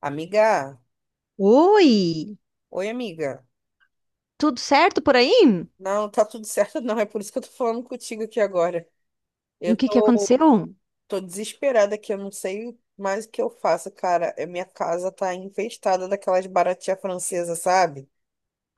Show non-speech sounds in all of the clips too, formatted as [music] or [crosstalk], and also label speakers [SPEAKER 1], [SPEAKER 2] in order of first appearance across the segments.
[SPEAKER 1] Amiga,
[SPEAKER 2] Oi,
[SPEAKER 1] oi amiga.
[SPEAKER 2] tudo certo por aí?
[SPEAKER 1] Não, tá tudo certo não, é por isso que eu tô falando contigo aqui agora.
[SPEAKER 2] O
[SPEAKER 1] Eu
[SPEAKER 2] que que
[SPEAKER 1] tô,
[SPEAKER 2] aconteceu?
[SPEAKER 1] tô desesperada aqui, eu não sei mais o que eu faço, cara. É, minha casa tá infestada daquelas baratinhas francesas, sabe?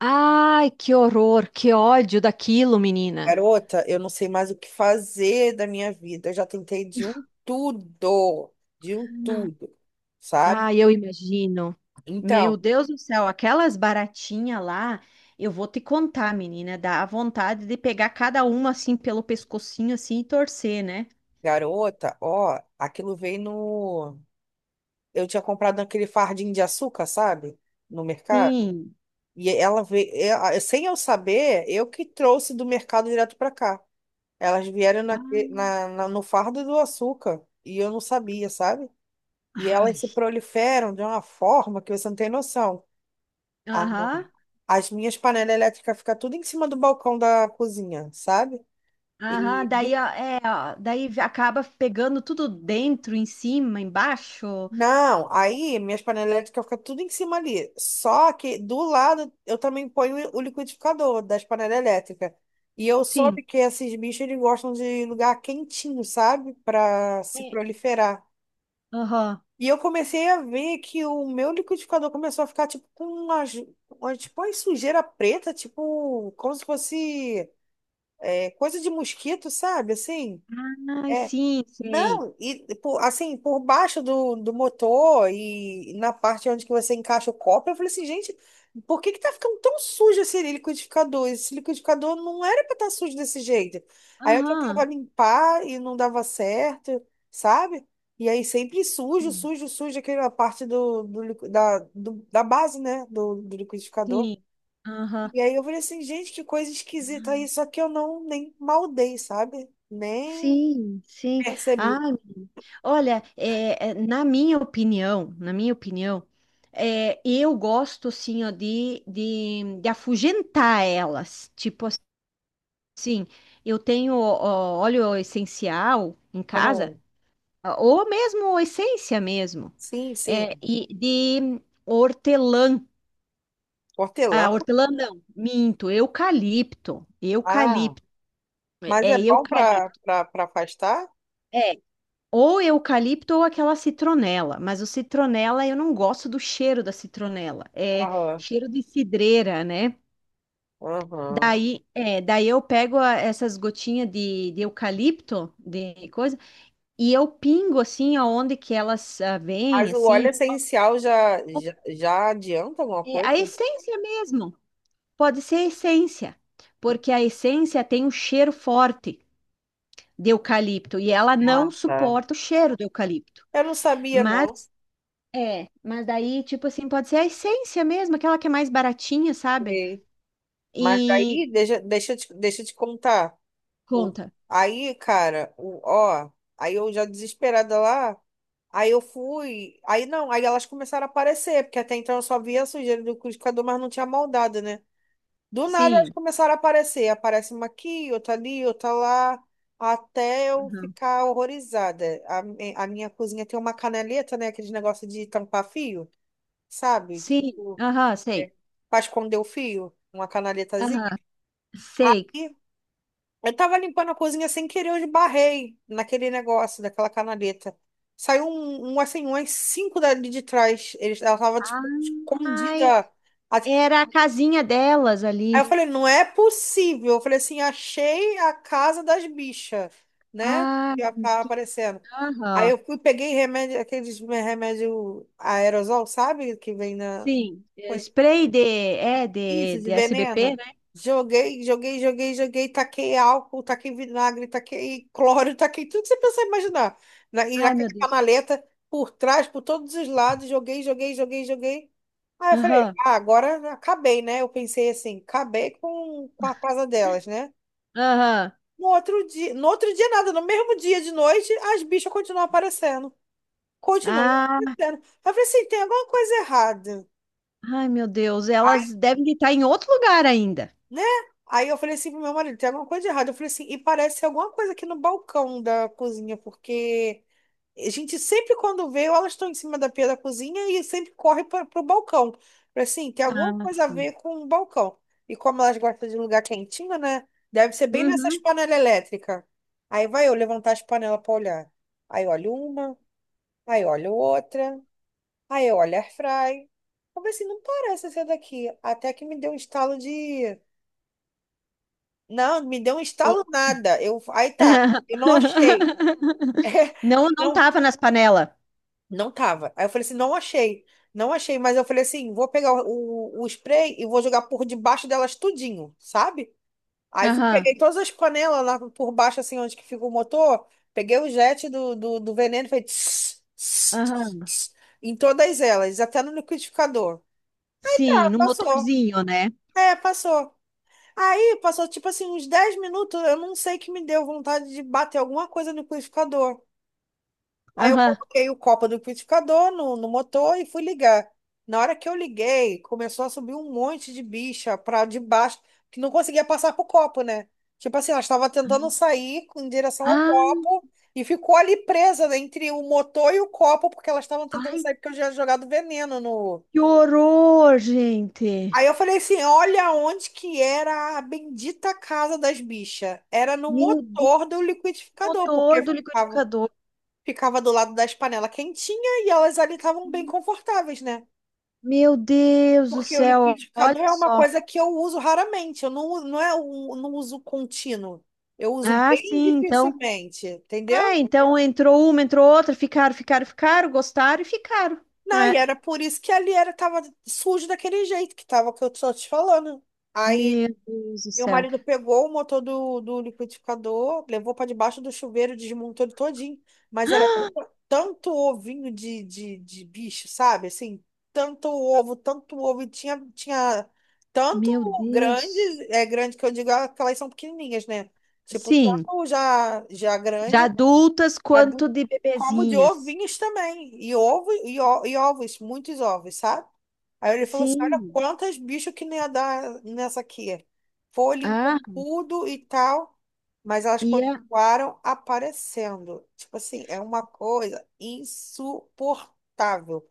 [SPEAKER 2] Ai, que horror, que ódio daquilo, menina.
[SPEAKER 1] Garota, eu não sei mais o que fazer da minha vida. Eu já tentei de um tudo, sabe?
[SPEAKER 2] Ai, eu imagino. Meu
[SPEAKER 1] Então,
[SPEAKER 2] Deus do céu, aquelas baratinhas lá, eu vou te contar, menina, dá a vontade de pegar cada uma assim pelo pescocinho assim e torcer, né?
[SPEAKER 1] garota, ó, aquilo veio no... eu tinha comprado naquele fardinho de açúcar, sabe? No mercado.
[SPEAKER 2] Sim.
[SPEAKER 1] E ela veio, sem eu saber, eu que trouxe do mercado direto para cá. Elas vieram na,
[SPEAKER 2] Ah,
[SPEAKER 1] na, na- No fardo do açúcar e eu não sabia, sabe? E elas
[SPEAKER 2] ai,
[SPEAKER 1] se proliferam de uma forma que você não tem noção. A-
[SPEAKER 2] aham,
[SPEAKER 1] As minhas panelas elétricas ficam tudo em cima do balcão da cozinha, sabe?
[SPEAKER 2] aham,
[SPEAKER 1] E do
[SPEAKER 2] daí, ó, daí acaba pegando tudo dentro, em cima, embaixo.
[SPEAKER 1] Não, aí minhas panelinhas ficam tudo em cima ali. Só que do lado eu também ponho o liquidificador das panelas elétricas. E eu soube
[SPEAKER 2] Sim.
[SPEAKER 1] que esses bichos eles gostam de lugar quentinho, sabe? Para se
[SPEAKER 2] É.
[SPEAKER 1] proliferar.
[SPEAKER 2] Aham.
[SPEAKER 1] E eu comecei a ver que o meu liquidificador começou a ficar tipo com tipo, uma sujeira preta, tipo, como se fosse é, coisa de mosquito, sabe? Assim.
[SPEAKER 2] Ai,
[SPEAKER 1] É.
[SPEAKER 2] sim, sei.
[SPEAKER 1] Não, assim, por baixo do motor e na parte onde que você encaixa o copo, eu falei assim, gente, por que que tá ficando tão sujo esse liquidificador? Esse liquidificador não era pra estar sujo desse jeito. Aí eu tentava
[SPEAKER 2] Aham,
[SPEAKER 1] limpar e não dava certo, sabe? E aí sempre sujo,
[SPEAKER 2] sim,
[SPEAKER 1] sujo, sujo, aquela parte do, do, liqui- da, do- da base, né, do liquidificador.
[SPEAKER 2] sim. Aham.
[SPEAKER 1] E aí eu falei assim, gente, que coisa esquisita isso, só que eu não nem maldei, sabe? Nem
[SPEAKER 2] Sim, sim.
[SPEAKER 1] percebi.
[SPEAKER 2] Ai, menina. Olha, na minha opinião, eu gosto assim, ó, de afugentar elas. Tipo assim, eu tenho ó, óleo essencial em casa,
[SPEAKER 1] Aham.
[SPEAKER 2] ou mesmo essência mesmo,
[SPEAKER 1] Sim, sim.
[SPEAKER 2] e de hortelã.
[SPEAKER 1] Hortelã.
[SPEAKER 2] Ah, hortelã não, minto, eucalipto,
[SPEAKER 1] Ah, mas é
[SPEAKER 2] é
[SPEAKER 1] bom para
[SPEAKER 2] eucalipto,
[SPEAKER 1] para afastar?
[SPEAKER 2] é, ou eucalipto ou aquela citronela, mas o citronela eu não gosto do cheiro da citronela, é
[SPEAKER 1] Aham.
[SPEAKER 2] cheiro de cidreira, né?
[SPEAKER 1] Aham.
[SPEAKER 2] Daí, é, daí eu pego essas gotinhas de eucalipto, de coisa, e eu pingo assim aonde que elas vêm,
[SPEAKER 1] Mas o óleo
[SPEAKER 2] assim.
[SPEAKER 1] essencial já, já, já adianta alguma
[SPEAKER 2] É, a
[SPEAKER 1] coisa?
[SPEAKER 2] essência mesmo, pode ser a essência, porque a essência tem um cheiro forte de eucalipto e ela não
[SPEAKER 1] Ah, tá.
[SPEAKER 2] suporta o cheiro do eucalipto.
[SPEAKER 1] Eu não sabia, não.
[SPEAKER 2] Mas é, mas daí, tipo assim, pode ser a essência mesmo, aquela que é mais baratinha, sabe?
[SPEAKER 1] Sim. Mas
[SPEAKER 2] E
[SPEAKER 1] aí, deixa eu te contar. O,
[SPEAKER 2] conta.
[SPEAKER 1] Aí, cara, ó, aí eu já desesperada lá, aí eu fui, aí não, aí elas começaram a aparecer, porque até então eu só via a sujeira do liquidificador, mas não tinha maldade, né? Do nada elas
[SPEAKER 2] Sim.
[SPEAKER 1] começaram a aparecer. Aparece uma aqui, outra ali, outra lá, até eu
[SPEAKER 2] Aham.
[SPEAKER 1] ficar horrorizada. A minha cozinha tem uma canaleta, né? Aquele negócio de tampar fio, sabe?
[SPEAKER 2] Sim.
[SPEAKER 1] Tipo,
[SPEAKER 2] Aham,
[SPEAKER 1] é,
[SPEAKER 2] sei.
[SPEAKER 1] pra esconder o fio, uma canaletazinha.
[SPEAKER 2] Aham, sei.
[SPEAKER 1] Aí eu tava limpando a cozinha sem querer, eu esbarrei naquele negócio daquela canaleta. Saiu um assim, umas cinco dali de trás. Ela tava, tipo,
[SPEAKER 2] Ai,
[SPEAKER 1] escondida.
[SPEAKER 2] era a casinha delas
[SPEAKER 1] Aí eu
[SPEAKER 2] ali.
[SPEAKER 1] falei, não é possível. Eu falei assim, achei a casa das bichas, né?
[SPEAKER 2] Ah,
[SPEAKER 1] Que ia tá
[SPEAKER 2] que-
[SPEAKER 1] aparecendo. Aí
[SPEAKER 2] aham.
[SPEAKER 1] eu fui, peguei remédio, aqueles remédio aerosol, sabe? Que vem na
[SPEAKER 2] Sim, é,
[SPEAKER 1] coisa.
[SPEAKER 2] spray
[SPEAKER 1] Isso,
[SPEAKER 2] de
[SPEAKER 1] de
[SPEAKER 2] SBP,
[SPEAKER 1] veneno.
[SPEAKER 2] né?
[SPEAKER 1] Joguei, joguei, joguei, joguei, taquei álcool, taquei vinagre, taquei cloro, taquei tudo que você pensar e imaginar. E
[SPEAKER 2] Ai,
[SPEAKER 1] naquela
[SPEAKER 2] meu Deus.
[SPEAKER 1] canaleta, por trás, por todos os lados, joguei, joguei, joguei, joguei. Aí eu falei,
[SPEAKER 2] Aham,
[SPEAKER 1] ah, agora acabei, né? Eu pensei assim, acabei com a casa delas, né?
[SPEAKER 2] aham.
[SPEAKER 1] No outro dia, no outro dia nada, no mesmo dia de noite, as bichas continuam aparecendo. Continuam
[SPEAKER 2] Ah,
[SPEAKER 1] aparecendo. Eu falei assim, tem alguma coisa errada,
[SPEAKER 2] ai, meu Deus, elas devem estar em outro lugar ainda.
[SPEAKER 1] né? Aí eu falei assim pro meu marido, tem alguma coisa de errado. Eu falei assim, e parece ser alguma coisa aqui no balcão da cozinha, porque a gente sempre quando vê, elas estão em cima da pia da cozinha e sempre corre para pro balcão. Eu falei assim, tem alguma
[SPEAKER 2] Ah,
[SPEAKER 1] coisa a
[SPEAKER 2] sim.
[SPEAKER 1] ver com o balcão. E como elas gostam de lugar quentinho, né? Deve ser bem nessas
[SPEAKER 2] Uhum.
[SPEAKER 1] panelas elétricas. Aí vai eu levantar as panelas para olhar. Aí olho uma, aí olho outra, aí olho air fry. Eu falei assim, não parece ser daqui. Até que me deu um estalo de não, me deu um
[SPEAKER 2] O-
[SPEAKER 1] estalo nada. Aí tá, eu não
[SPEAKER 2] [laughs]
[SPEAKER 1] achei. [laughs]
[SPEAKER 2] Não, não
[SPEAKER 1] Não,
[SPEAKER 2] tava nas panelas.
[SPEAKER 1] não tava. Aí eu falei assim, não achei. Não achei, mas eu falei assim, vou pegar o spray e vou jogar por debaixo delas tudinho, sabe? Aí fui,
[SPEAKER 2] Aham,
[SPEAKER 1] peguei todas as panelas lá por baixo, assim, onde que fica o motor, peguei o jet do veneno e falei tss, tss,
[SPEAKER 2] aham.
[SPEAKER 1] tss, em todas elas, até no liquidificador.
[SPEAKER 2] Sim,
[SPEAKER 1] Ah,
[SPEAKER 2] no
[SPEAKER 1] passou.
[SPEAKER 2] motorzinho, né?
[SPEAKER 1] É, passou. Aí passou tipo assim uns 10 minutos, eu não sei que me deu vontade de bater alguma coisa no liquidificador. Aí eu
[SPEAKER 2] Aham.
[SPEAKER 1] coloquei o copo do liquidificador no motor e fui ligar. Na hora que eu liguei, começou a subir um monte de bicha pra debaixo, que não conseguia passar pro copo, né? Tipo assim, ela estava tentando sair em direção ao
[SPEAKER 2] Ah,
[SPEAKER 1] copo e ficou ali presa, né, entre o motor e o copo, porque elas estavam tentando
[SPEAKER 2] ai,
[SPEAKER 1] sair porque eu já tinha jogado veneno no.
[SPEAKER 2] que horror, gente.
[SPEAKER 1] Aí eu falei assim, olha onde que era a bendita casa das bichas. Era no
[SPEAKER 2] Meu Deus,
[SPEAKER 1] motor do liquidificador,
[SPEAKER 2] motor
[SPEAKER 1] porque
[SPEAKER 2] do
[SPEAKER 1] ficava,
[SPEAKER 2] liquidificador.
[SPEAKER 1] ficava do lado das panelas quentinha e elas ali estavam bem confortáveis, né?
[SPEAKER 2] Meu Deus do
[SPEAKER 1] Porque o
[SPEAKER 2] céu, olha
[SPEAKER 1] liquidificador é uma
[SPEAKER 2] só.
[SPEAKER 1] coisa que eu uso raramente, eu não, uso- não é um, não uso contínuo. Eu uso
[SPEAKER 2] Ah,
[SPEAKER 1] bem
[SPEAKER 2] sim, então.
[SPEAKER 1] dificilmente,
[SPEAKER 2] É,
[SPEAKER 1] entendeu?
[SPEAKER 2] então entrou uma, entrou outra, ficaram, ficaram, ficaram, gostaram e ficaram,
[SPEAKER 1] Não, e
[SPEAKER 2] né?
[SPEAKER 1] era por isso que ali era tava sujo daquele jeito que tava que eu tô te falando. Aí
[SPEAKER 2] Meu Deus do
[SPEAKER 1] meu
[SPEAKER 2] céu.
[SPEAKER 1] marido pegou o motor do liquidificador, levou para debaixo do chuveiro, desmontou ele todinho. Mas era tanto, tanto ovinho de bicho, sabe? Assim, tanto ovo, tanto ovo. E tinha, tinha tanto
[SPEAKER 2] Meu
[SPEAKER 1] grande,
[SPEAKER 2] Deus.
[SPEAKER 1] é grande que eu digo, aquelas são pequenininhas, né? Tipo,
[SPEAKER 2] Sim,
[SPEAKER 1] tanto já, já grande,
[SPEAKER 2] já adultas
[SPEAKER 1] adulto,
[SPEAKER 2] quanto de
[SPEAKER 1] como de
[SPEAKER 2] bebezinhas.
[SPEAKER 1] ovinhos também. E ovos, muitos ovos, sabe? Aí ele falou assim: olha
[SPEAKER 2] Sim.
[SPEAKER 1] quantas bichos que não ia dar nessa aqui. Foi, limpou
[SPEAKER 2] Ah,
[SPEAKER 1] tudo e tal, mas elas
[SPEAKER 2] e a...
[SPEAKER 1] continuaram aparecendo. Tipo assim, é uma coisa insuportável.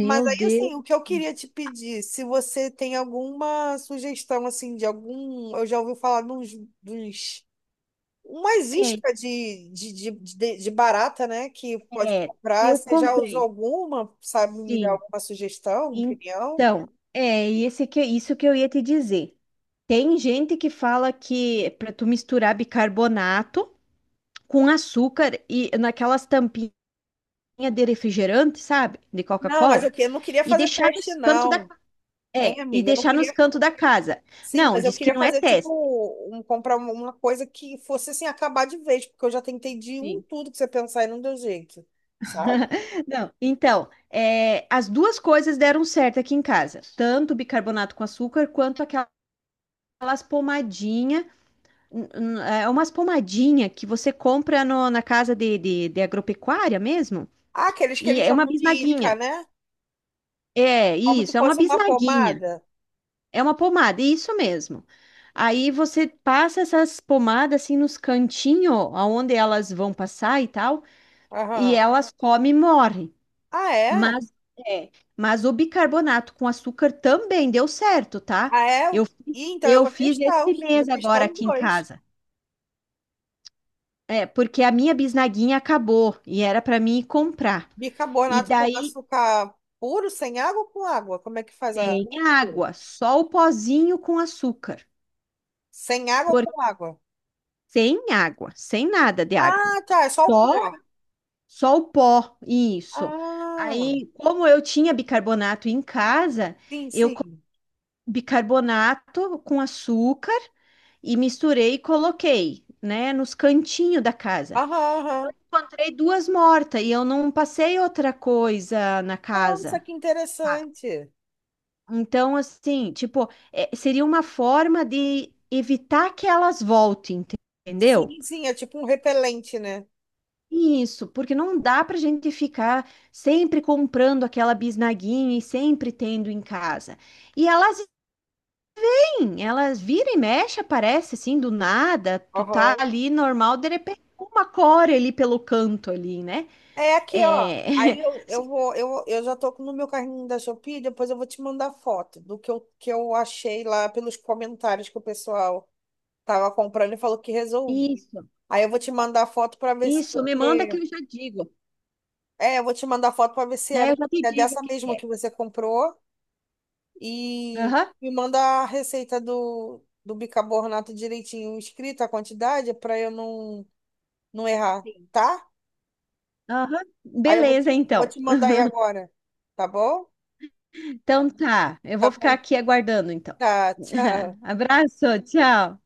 [SPEAKER 1] Mas aí,
[SPEAKER 2] Deus.
[SPEAKER 1] assim, o que eu queria te pedir, se você tem alguma sugestão, assim, de algum. Eu já ouvi falar de uns. De uns- Umas
[SPEAKER 2] É,
[SPEAKER 1] iscas de barata, né? Que pode
[SPEAKER 2] é,
[SPEAKER 1] comprar.
[SPEAKER 2] eu
[SPEAKER 1] Você já usou
[SPEAKER 2] comprei.
[SPEAKER 1] alguma? Sabe me dar
[SPEAKER 2] Sim.
[SPEAKER 1] alguma sugestão, opinião?
[SPEAKER 2] Então, é esse que, isso que eu ia te dizer. Tem gente que fala que para tu misturar bicarbonato com açúcar e naquelas tampinhas de refrigerante, sabe? De
[SPEAKER 1] Não,
[SPEAKER 2] Coca-Cola,
[SPEAKER 1] eu não queria
[SPEAKER 2] e
[SPEAKER 1] fazer
[SPEAKER 2] deixar
[SPEAKER 1] teste,
[SPEAKER 2] nos cantos da...
[SPEAKER 1] não. Hein,
[SPEAKER 2] É, e
[SPEAKER 1] amiga? Eu não
[SPEAKER 2] deixar nos
[SPEAKER 1] queria.
[SPEAKER 2] cantos da casa.
[SPEAKER 1] Sim,
[SPEAKER 2] Não,
[SPEAKER 1] mas eu
[SPEAKER 2] diz que
[SPEAKER 1] queria
[SPEAKER 2] não é
[SPEAKER 1] fazer, tipo,
[SPEAKER 2] teste.
[SPEAKER 1] um, comprar uma coisa que fosse, assim, acabar de vez, porque eu já tentei de um
[SPEAKER 2] Sim.
[SPEAKER 1] tudo que você pensar e não deu jeito, sabe?
[SPEAKER 2] [laughs] Não, então, é, as duas coisas deram certo aqui em casa, tanto o bicarbonato com açúcar quanto aquelas pomadinhas, é umas pomadinhas que você compra na casa de agropecuária mesmo,
[SPEAKER 1] Ah, aqueles que
[SPEAKER 2] e
[SPEAKER 1] eles
[SPEAKER 2] é uma
[SPEAKER 1] chamam de isca,
[SPEAKER 2] bisnaguinha.
[SPEAKER 1] né?
[SPEAKER 2] É
[SPEAKER 1] Como se
[SPEAKER 2] isso, é uma
[SPEAKER 1] fosse uma
[SPEAKER 2] bisnaguinha,
[SPEAKER 1] pomada.
[SPEAKER 2] é uma pomada, isso mesmo. Aí você passa essas pomadas assim nos cantinhos, aonde elas vão passar e tal. E
[SPEAKER 1] Aham.
[SPEAKER 2] elas comem e morrem.
[SPEAKER 1] Ah, é?
[SPEAKER 2] Mas, é, mas o bicarbonato com açúcar também deu certo, tá?
[SPEAKER 1] Ah, é?
[SPEAKER 2] Eu,
[SPEAKER 1] E então eu
[SPEAKER 2] eu fiz esse
[SPEAKER 1] vou
[SPEAKER 2] mês
[SPEAKER 1] testar
[SPEAKER 2] agora
[SPEAKER 1] os
[SPEAKER 2] aqui em
[SPEAKER 1] dois.
[SPEAKER 2] casa. É, porque a minha bisnaguinha acabou e era para mim ir comprar. E
[SPEAKER 1] Bicarbonato com
[SPEAKER 2] daí
[SPEAKER 1] açúcar puro, sem água ou com água? Como é que faz a.
[SPEAKER 2] tem
[SPEAKER 1] Mistura?
[SPEAKER 2] água, só o pozinho com açúcar.
[SPEAKER 1] Sem água ou
[SPEAKER 2] Por,
[SPEAKER 1] com água?
[SPEAKER 2] sem água, sem nada de água.
[SPEAKER 1] Ah, tá, é só o pó.
[SPEAKER 2] Só, só o pó, isso.
[SPEAKER 1] Ah,
[SPEAKER 2] Aí, como eu tinha bicarbonato em casa,
[SPEAKER 1] sim,
[SPEAKER 2] eu
[SPEAKER 1] sim.
[SPEAKER 2] bicarbonato com açúcar e misturei e coloquei, né, nos cantinhos da casa.
[SPEAKER 1] Aham, aham.
[SPEAKER 2] Encontrei duas mortas e eu não passei outra coisa na
[SPEAKER 1] Nossa,
[SPEAKER 2] casa,
[SPEAKER 1] que
[SPEAKER 2] sabe?
[SPEAKER 1] interessante.
[SPEAKER 2] Então, assim, tipo, é, seria uma forma de evitar que elas voltem, entendeu?
[SPEAKER 1] Sim, sim, é tipo um repelente, né?
[SPEAKER 2] Isso, porque não dá pra gente ficar sempre comprando aquela bisnaguinha e sempre tendo em casa. E elas... Sim, elas vira e mexe, aparece assim do nada, tu tá
[SPEAKER 1] Aham.
[SPEAKER 2] ali normal, de repente uma cora ali pelo canto ali, né?
[SPEAKER 1] É aqui, ó. Aí
[SPEAKER 2] É, [laughs]
[SPEAKER 1] eu
[SPEAKER 2] sim,
[SPEAKER 1] vou, eu já tô no meu carrinho da Shopee, depois eu vou te mandar foto que eu achei lá pelos comentários que o pessoal tava comprando e falou que resolvi.
[SPEAKER 2] isso,
[SPEAKER 1] Aí eu vou te mandar foto para ver se
[SPEAKER 2] isso, me manda que
[SPEAKER 1] você.
[SPEAKER 2] eu já digo,
[SPEAKER 1] É, eu vou te mandar foto para ver se
[SPEAKER 2] né? Eu
[SPEAKER 1] era,
[SPEAKER 2] já te
[SPEAKER 1] é
[SPEAKER 2] digo o
[SPEAKER 1] dessa
[SPEAKER 2] que que
[SPEAKER 1] mesma
[SPEAKER 2] é.
[SPEAKER 1] que você comprou. E
[SPEAKER 2] Aham,
[SPEAKER 1] me manda a receita do bicarbonato direitinho escrita, a quantidade, para eu não errar,
[SPEAKER 2] sim,
[SPEAKER 1] tá?
[SPEAKER 2] aham,
[SPEAKER 1] Aí eu
[SPEAKER 2] beleza
[SPEAKER 1] vou
[SPEAKER 2] então.
[SPEAKER 1] te mandar aí agora, tá bom?
[SPEAKER 2] Então tá, eu
[SPEAKER 1] Tá
[SPEAKER 2] vou ficar
[SPEAKER 1] bom,
[SPEAKER 2] aqui aguardando então.
[SPEAKER 1] tá, tchau.
[SPEAKER 2] [laughs] Abraço, tchau.